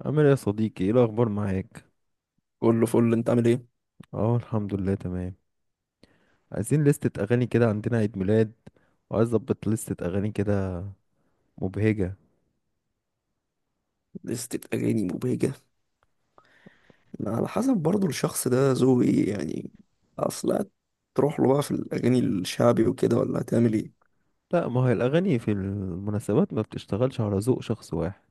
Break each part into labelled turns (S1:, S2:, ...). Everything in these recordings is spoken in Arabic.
S1: عامل ايه يا صديقي؟ ايه الاخبار معاك؟
S2: كله فل. انت عامل ايه؟
S1: اه الحمد لله تمام. عايزين لستة اغاني كده، عندنا عيد ميلاد وعايز اظبط لستة اغاني كده، مبهجة.
S2: لستة اغاني مبهجة. ما على حسب برضو الشخص ده ذوقه ايه يعني اصلا. تروح له بقى في الاغاني الشعبي وكده ولا هتعمل ايه؟
S1: لا، ما هي الاغاني في المناسبات ما بتشتغلش على ذوق شخص واحد،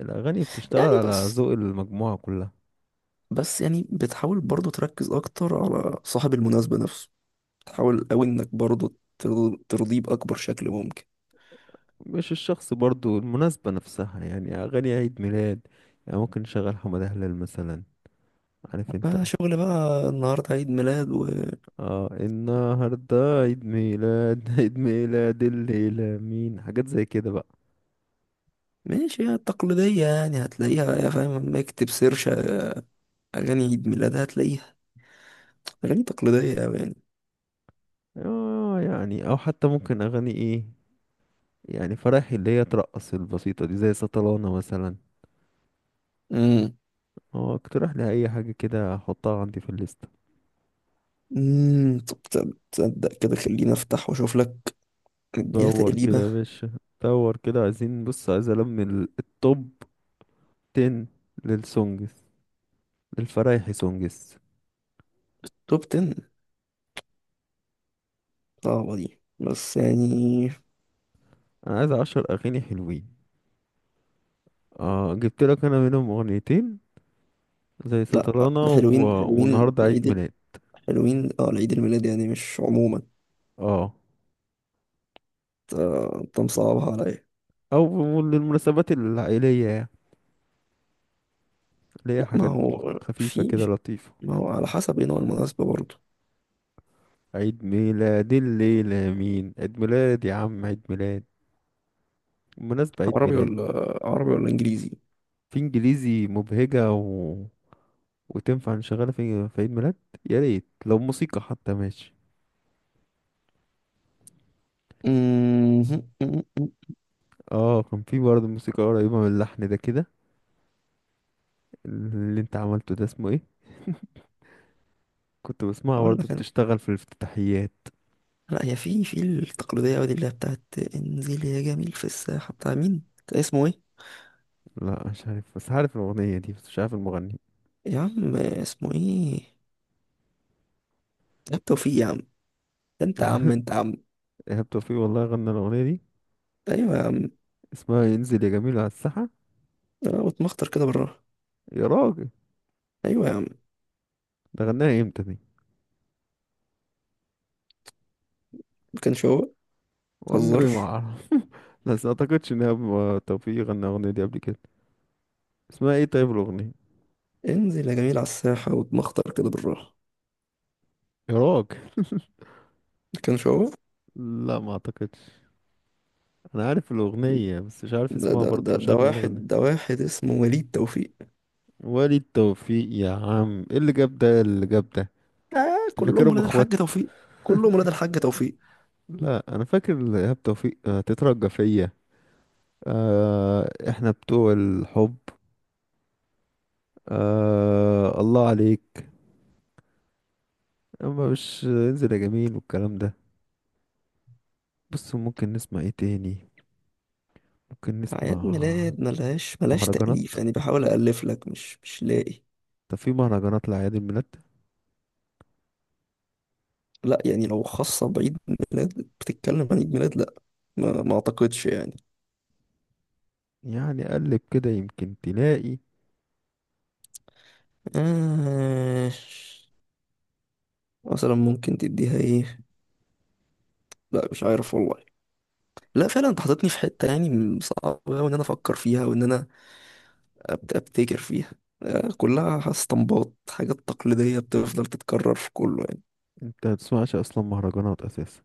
S1: الاغاني بتشتغل
S2: يعني
S1: على
S2: بس
S1: ذوق المجموعة كلها.
S2: بس يعني بتحاول برضو تركز اكتر على صاحب المناسبة نفسه، تحاول قوي انك برضو ترضيه باكبر شكل ممكن.
S1: مش الشخص برضو، المناسبة نفسها، يعني اغاني عيد ميلاد يعني ممكن نشغل حمادة هلال مثلا، عارف انت.
S2: بقى شغل بقى، النهاردة عيد ميلاد وماشي.
S1: اه النهارده عيد ميلاد عيد ميلاد الليلة مين، حاجات زي كده بقى.
S2: هي التقليدية يعني هتلاقيها، يا فاهم، لما اكتب سيرش أغاني عيد ميلاد هتلاقيها أغاني تقليدية أوي يعني.
S1: اه يعني او حتى ممكن اغاني ايه، يعني فرايحي اللي هي ترقص البسيطة دي، زي سطلانة مثلا.
S2: مم.
S1: هو اقترح لي اي حاجة كده احطها عندي في الليستة.
S2: طب تصدق، تصدق، خليني افتح واشوف لك اديها
S1: دور كده
S2: تقليبه.
S1: يا باشا، دور كده. عايزين، بص، عايز التوب 10 للسونجز، للفرايحي سونجز.
S2: توب 10، صعبه دي بس يعني.
S1: انا عايز 10 اغاني حلوين. اه جبت لك انا منهم اغنيتين، زي
S2: لا،
S1: سطلانة
S2: حلوين،
S1: والنهاردة عيد ميلاد.
S2: حلوين، اه، العيد الميلاد يعني، مش عموما.
S1: اه
S2: انت أنت مصعبها عليا.
S1: او للمناسبات العائلية يعني، اللي هي
S2: لا ما
S1: حاجات
S2: هو
S1: خفيفة كده،
S2: في
S1: لطيفة.
S2: ما هو على حسب ايه نوع المناسبه برضه.
S1: عيد ميلاد الليلة مين، عيد ميلاد يا عم، عيد ميلاد بالمناسبة، عيد
S2: عربي
S1: ميلاد.
S2: ولا؟ عربي ولا انجليزي؟
S1: في انجليزي مبهجة وتنفع نشغلها في عيد ميلاد. يا ريت لو موسيقى حتى ماشي.
S2: أمم،
S1: اه كان في برضه موسيقى قريبة من اللحن ده كده اللي انت عملته ده، اسمه ايه؟ كنت بسمعها
S2: اقول
S1: برضه
S2: لك انا.
S1: بتشتغل في الافتتاحيات.
S2: لا، هي في التقليديه أوي دي اللي هي بتاعت انزل يا جميل في الساحه، بتاع مين؟ بتاع اسمه ايه؟
S1: لا مش عارف، بس عارف الأغنية دي، بس مش عارف المغني.
S2: يا عم اسمه ايه؟ يا عم توفيق يا عم. انت يا عم.
S1: إيهاب توفيق والله غنى الأغنية دي،
S2: ايوه يا عم،
S1: اسمها ينزل يا جميل على الساحة.
S2: انا بتمخطر كده بالراحه.
S1: يا راجل،
S2: ايوه يا عم.
S1: ده غناها امتى دي؟
S2: ما كانش هو. ما
S1: والنبي ما
S2: تهزرش.
S1: أعرف، بس اعتقدش ان هو توفيق غنى الاغنيه دي قبل كده. اسمها ايه طيب الاغنيه؟
S2: انزل يا جميل على الساحه واتمخطر كده بالراحه.
S1: يا راجل،
S2: ما كانش هو.
S1: لا ما اعتقدش. انا عارف الاغنيه بس مش عارف
S2: ده
S1: اسمها،
S2: ده
S1: برضه
S2: ده
S1: مش
S2: ده
S1: عارف مين اللي
S2: واحد
S1: غناها.
S2: ده واحد اسمه وليد توفيق.
S1: وليد توفيق؟ يا عم ايه اللي جاب ده، إيه اللي جاب ده؟
S2: آه،
S1: انت
S2: كلهم
S1: فاكرهم
S2: ولاد الحاج
S1: اخوات؟
S2: توفيق. كلهم ولاد الحاج توفيق.
S1: لا انا فاكر ايهاب توفيق. تترجى فيا، احنا بتوع الحب، الله عليك. اما مش انزل يا جميل والكلام ده. بص ممكن نسمع ايه تاني، ممكن
S2: أعياد
S1: نسمع
S2: ميلاد ملهاش
S1: مهرجانات؟
S2: تأليف يعني، بحاول أألف لك مش لاقي.
S1: طب في مهرجانات لأعياد الميلاد؟
S2: لا، يعني لو خاصة بعيد ميلاد، بتتكلم عن عيد ميلاد، لا. ما أعتقدش يعني.
S1: يعني قلب كده يمكن تلاقي.
S2: آه، مثلا ممكن تديها ايه؟ لا، مش عارف والله. لا، فعلا انت حاططني في حتة يعني صعب أوي ان انا افكر فيها وان انا ابتكر فيها. آه، كلها استنباط حاجات تقليدية بتفضل تتكرر في كله يعني.
S1: انت متسمعش اصلا مهرجانات اساسا؟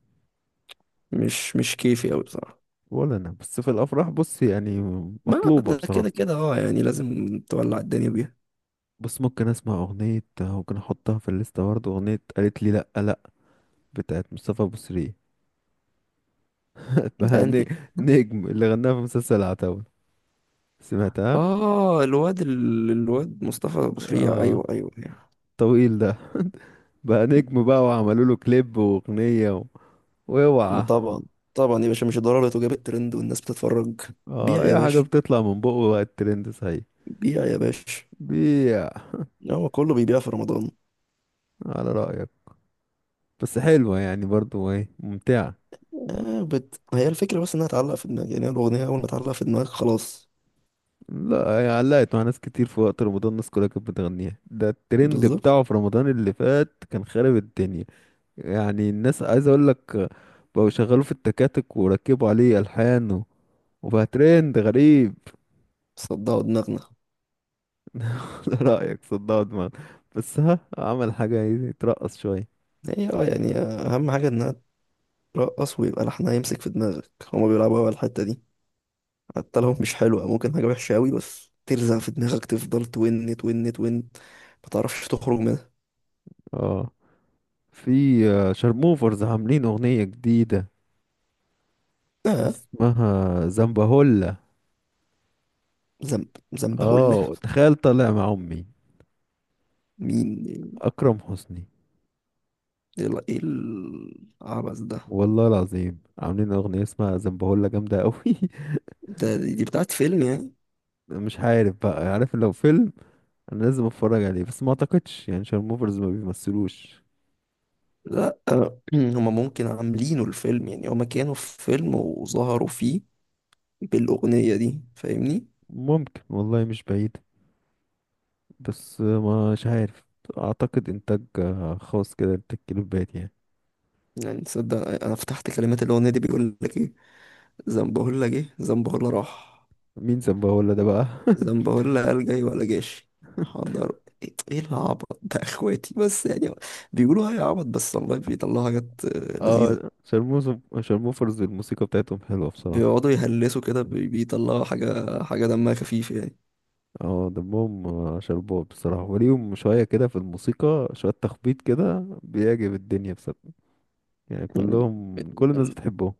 S2: مش كيفي اوي بصراحة.
S1: ولا انا، بس في الافراح بص يعني،
S2: ما
S1: مطلوبة
S2: ده كده
S1: بصراحة.
S2: كده، اه يعني لازم تولع الدنيا بيها.
S1: بس ممكن اسمع اغنية ممكن احطها في الليستة برضه، اغنية قالت لي لأ لأ بتاعت مصطفى بوسرية،
S2: ده
S1: اسمها
S2: يعني
S1: نجم، اللي غناها في مسلسل العتاولة، سمعتها؟
S2: اه، الواد الواد مصطفى أبو سريع،
S1: اه
S2: ايوه، ايوه، أيوة.
S1: طويل ده، بقى نجم بقى وعملوا له كليب واغنية
S2: ما
S1: واوعى.
S2: طبعا، طبعا يا باشا، مش ضروري، وجاب الترند والناس بتتفرج.
S1: اه
S2: بيع يا
S1: اي حاجة
S2: باشا،
S1: بتطلع من بقه بقى الترند، صحيح.
S2: بيع يا باشا.
S1: بيع،
S2: هو كله بيبيع في رمضان.
S1: على رأيك. بس حلوة يعني برضو، ايه، ممتعة.
S2: هي الفكرة بس إنها تعلق في دماغك، يعني هي الأغنية أول ما تعلق في دماغك خلاص.
S1: لا هي علقت مع ناس كتير في وقت رمضان، الناس كلها كانت بتغنيها، ده الترند
S2: بالظبط.
S1: بتاعه في رمضان اللي فات كان خارب الدنيا. يعني الناس، عايز اقول لك، بقوا شغالوا في التكاتك وركبوا عليه الحان وبقى ترند غريب.
S2: صدعوا دماغنا.
S1: لا رأيك صدقوا دماغ، بس ها عمل حاجة يترقص شوية.
S2: هي اه يعني أهم حاجة إنها ترقص ويبقى لحنها يمسك في دماغك، هما بيلعبوا أوي على الحتة دي. حتى لو مش حلوة، ممكن حاجة وحشة أوي بس تلزق في دماغك، تفضل تون تون تون ما تعرفش تخرج منها.
S1: اه في شارموفرز عاملين اغنية جديدة
S2: آه،
S1: اسمها زنبهولا.
S2: ذنب، ذنبهولة.
S1: اه تخيل طالع مع امي
S2: مين؟
S1: اكرم حسني،
S2: إيه إيه العبث ده؟
S1: والله العظيم عاملين أغنية اسمها زنبهولة جامدة أوي.
S2: ده دي بتاعت فيلم يعني؟
S1: مش عارف بقى، عارف لو فيلم أنا لازم أتفرج عليه، بس ما أعتقدش يعني شارموفرز ما بيمثلوش.
S2: لا آه، هما ممكن عاملينه الفيلم، يعني هما كانوا في فيلم وظهروا فيه بالأغنية دي، فاهمني؟
S1: ممكن والله، مش بعيد، بس ما مش عارف. أعتقد إنتاج خاص كده، إنتاج كليبات يعني.
S2: يعني تصدق، أنا فتحت كلمات الأغنية دي بيقول لك إيه: زنبهولا جه، زنبهولا راح،
S1: مين زنبهولة ده بقى؟
S2: زنبهولا قال جاي ولا جاش، حضر. إيه إيه العبط ده يا إخواتي بس يعني؟ بيقولوا هاي عبط بس والله بيطلعوا حاجات آه، لذيذة.
S1: اه شارموفرز الموسيقى بتاعتهم حلوة بصراحة.
S2: بيقعدوا يهلسوا كده، بيطلعوا حاجة دمها خفيف يعني.
S1: اه دمهم شربات بصراحة، وليهم شوية كده في الموسيقى، شوية تخبيط كده بيعجب الدنيا بصراحة. يعني
S2: يعني
S1: كلهم، كل الناس بتحبهم.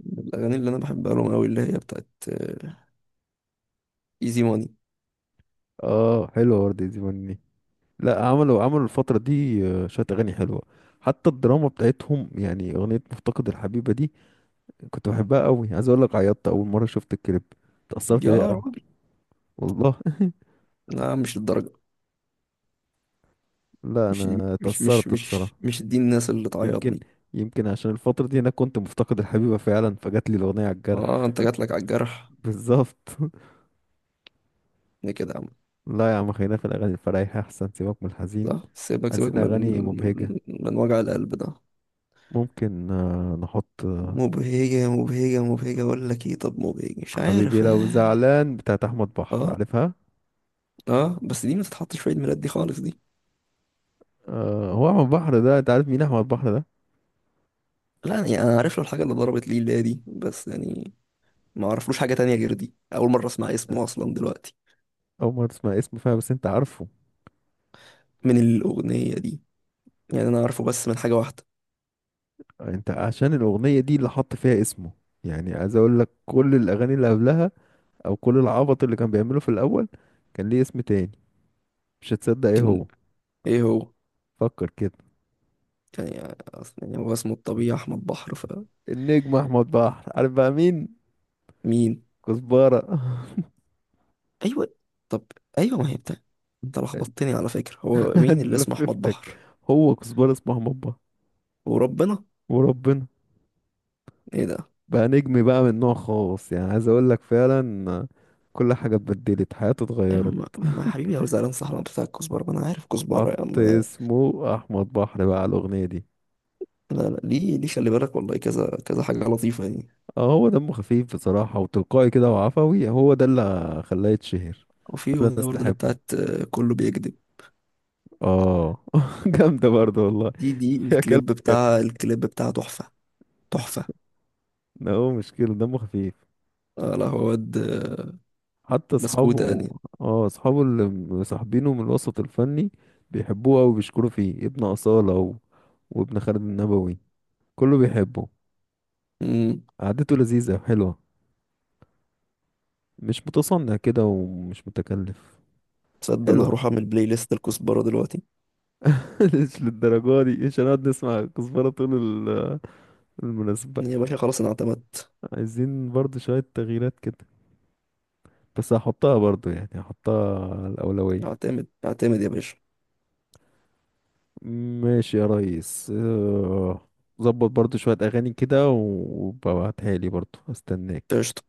S2: من الأغاني اللي أنا بحبها لهم أوي اللي هي بتاعت إيزي ماني.
S1: اه حلوة وردة زماني. لا عملوا الفترة دي شوية أغاني حلوة، حتى الدراما بتاعتهم، يعني أغنية مفتقد الحبيبة دي كنت بحبها قوي. عايز أقول لك عيطت أول مرة شفت الكليب، اتأثرت بيها
S2: يا
S1: قوي،
S2: راجل.
S1: والله.
S2: لا مش الدرجة.
S1: لا
S2: مش
S1: أنا
S2: مش مش
S1: اتأثرت بصراحة.
S2: مش مش دي الناس اللي
S1: يمكن
S2: تعيطني.
S1: يمكن عشان الفترة دي أنا كنت مفتقد الحبيبة فعلا، فجات لي الأغنية على
S2: اه
S1: الجرح.
S2: انت جاتلك على الجرح.
S1: بالظبط.
S2: ليه كده يا عم؟
S1: لا يا عم خلينا في الأغاني الفرايحة أحسن، سيبك من الحزين.
S2: صح، سيبك، سيبك
S1: عايزين أغاني مبهجة.
S2: من وجع القلب ده.
S1: ممكن نحط
S2: مبهجة مبهجة، اقول لك ايه، طب مبهجة، مش
S1: حبيبي
S2: عارف.
S1: لو
S2: اه
S1: زعلان بتاعت احمد بحر،
S2: اه
S1: عارفها؟
S2: اه، بس دي ما تتحطش في عيد ميلاد دي خالص دي.
S1: آه، هو احمد بحر ده انت عارف مين احمد بحر ده؟
S2: لا يعني انا عارف له الحاجة اللي ضربت لي اللي هي دي بس يعني، ما اعرفلوش حاجة تانية غير دي، اول مرة اسمع اسمه اصلا دلوقتي،
S1: اول ما تسمع اسمه فيها، بس انت عارفه.
S2: من الاغنية دي. يعني انا عارفه بس من حاجة واحدة.
S1: انت عشان الاغنيه دي اللي حط فيها اسمه، يعني عايز اقول لك كل الاغاني اللي قبلها، او كل العبط اللي كان بيعمله في الاول، كان ليه اسم تاني. مش هتصدق ايه هو،
S2: كان؟ ايه هو؟
S1: فكر كده.
S2: كان يعني اصلا يعني هو اسمه الطبيعي احمد بحر.
S1: النجم احمد بحر، عارف بقى مين؟
S2: فمين؟
S1: كزبره.
S2: ايوه. طب ايوه ما هي بتاع. انت لخبطتني على فكره، هو مين اللي اسمه احمد
S1: لففتك.
S2: بحر؟
S1: هو كزبره اسمه احمد بحر،
S2: وربنا.
S1: وربنا.
S2: ايه ده!
S1: بقى نجم بقى من نوع خاص، يعني عايز اقول لك فعلا كل حاجة اتبدلت، حياته
S2: ايوه
S1: اتغيرت.
S2: ما يا حبيبي يا زعلان، صح، انا بتاع الكزبره، ما انا عارف كزبره يا
S1: حط
S2: عم ده.
S1: اسمه احمد بحر بقى على الاغنية دي.
S2: لا، ليه، خلي بالك والله كذا كذا حاجه لطيفه يعني.
S1: اه هو دمه خفيف بصراحة، وتلقائي كده وعفوي، هو ده اللي خلاه يتشهر.
S2: وفي
S1: كل
S2: اغنيه
S1: الناس
S2: برضه اللي
S1: تحبه.
S2: بتاعت آه، كله بيكذب.
S1: اه جامدة برضه والله.
S2: دي
S1: يا كلام.
S2: الكليب، بتاع الكليب بتاع تحفه، تحفه.
S1: لا هو مش كده دمه خفيف،
S2: آه، لا هو واد آه،
S1: حتى
S2: بسكوته
S1: اصحابه.
S2: يعني.
S1: اه اصحابه اللي مصاحبينه من الوسط الفني بيحبوه أوي وبيشكروا فيه، ابن أصالة وابن خالد النبوي، كله بيحبه.
S2: امم،
S1: قعدته لذيذة حلوة، مش متصنع كده ومش متكلف.
S2: تصدق انا
S1: حلوة.
S2: هروح اعمل بلاي ليست الكزبره دلوقتي.
S1: مش للدرجة دي، مش هنقعد نسمع كزبرة طول ال- المناسبة.
S2: يا باشا خلاص انا اعتمدت.
S1: عايزين برضو شوية تغييرات كده، بس هحطها برضو يعني، هحطها على الأولوية.
S2: اعتمد اعتمد يا باشا.
S1: ماشي يا ريس. ظبط برضو شوية أغاني كده وببعتها لي برضو، استناك.
S2: قشطة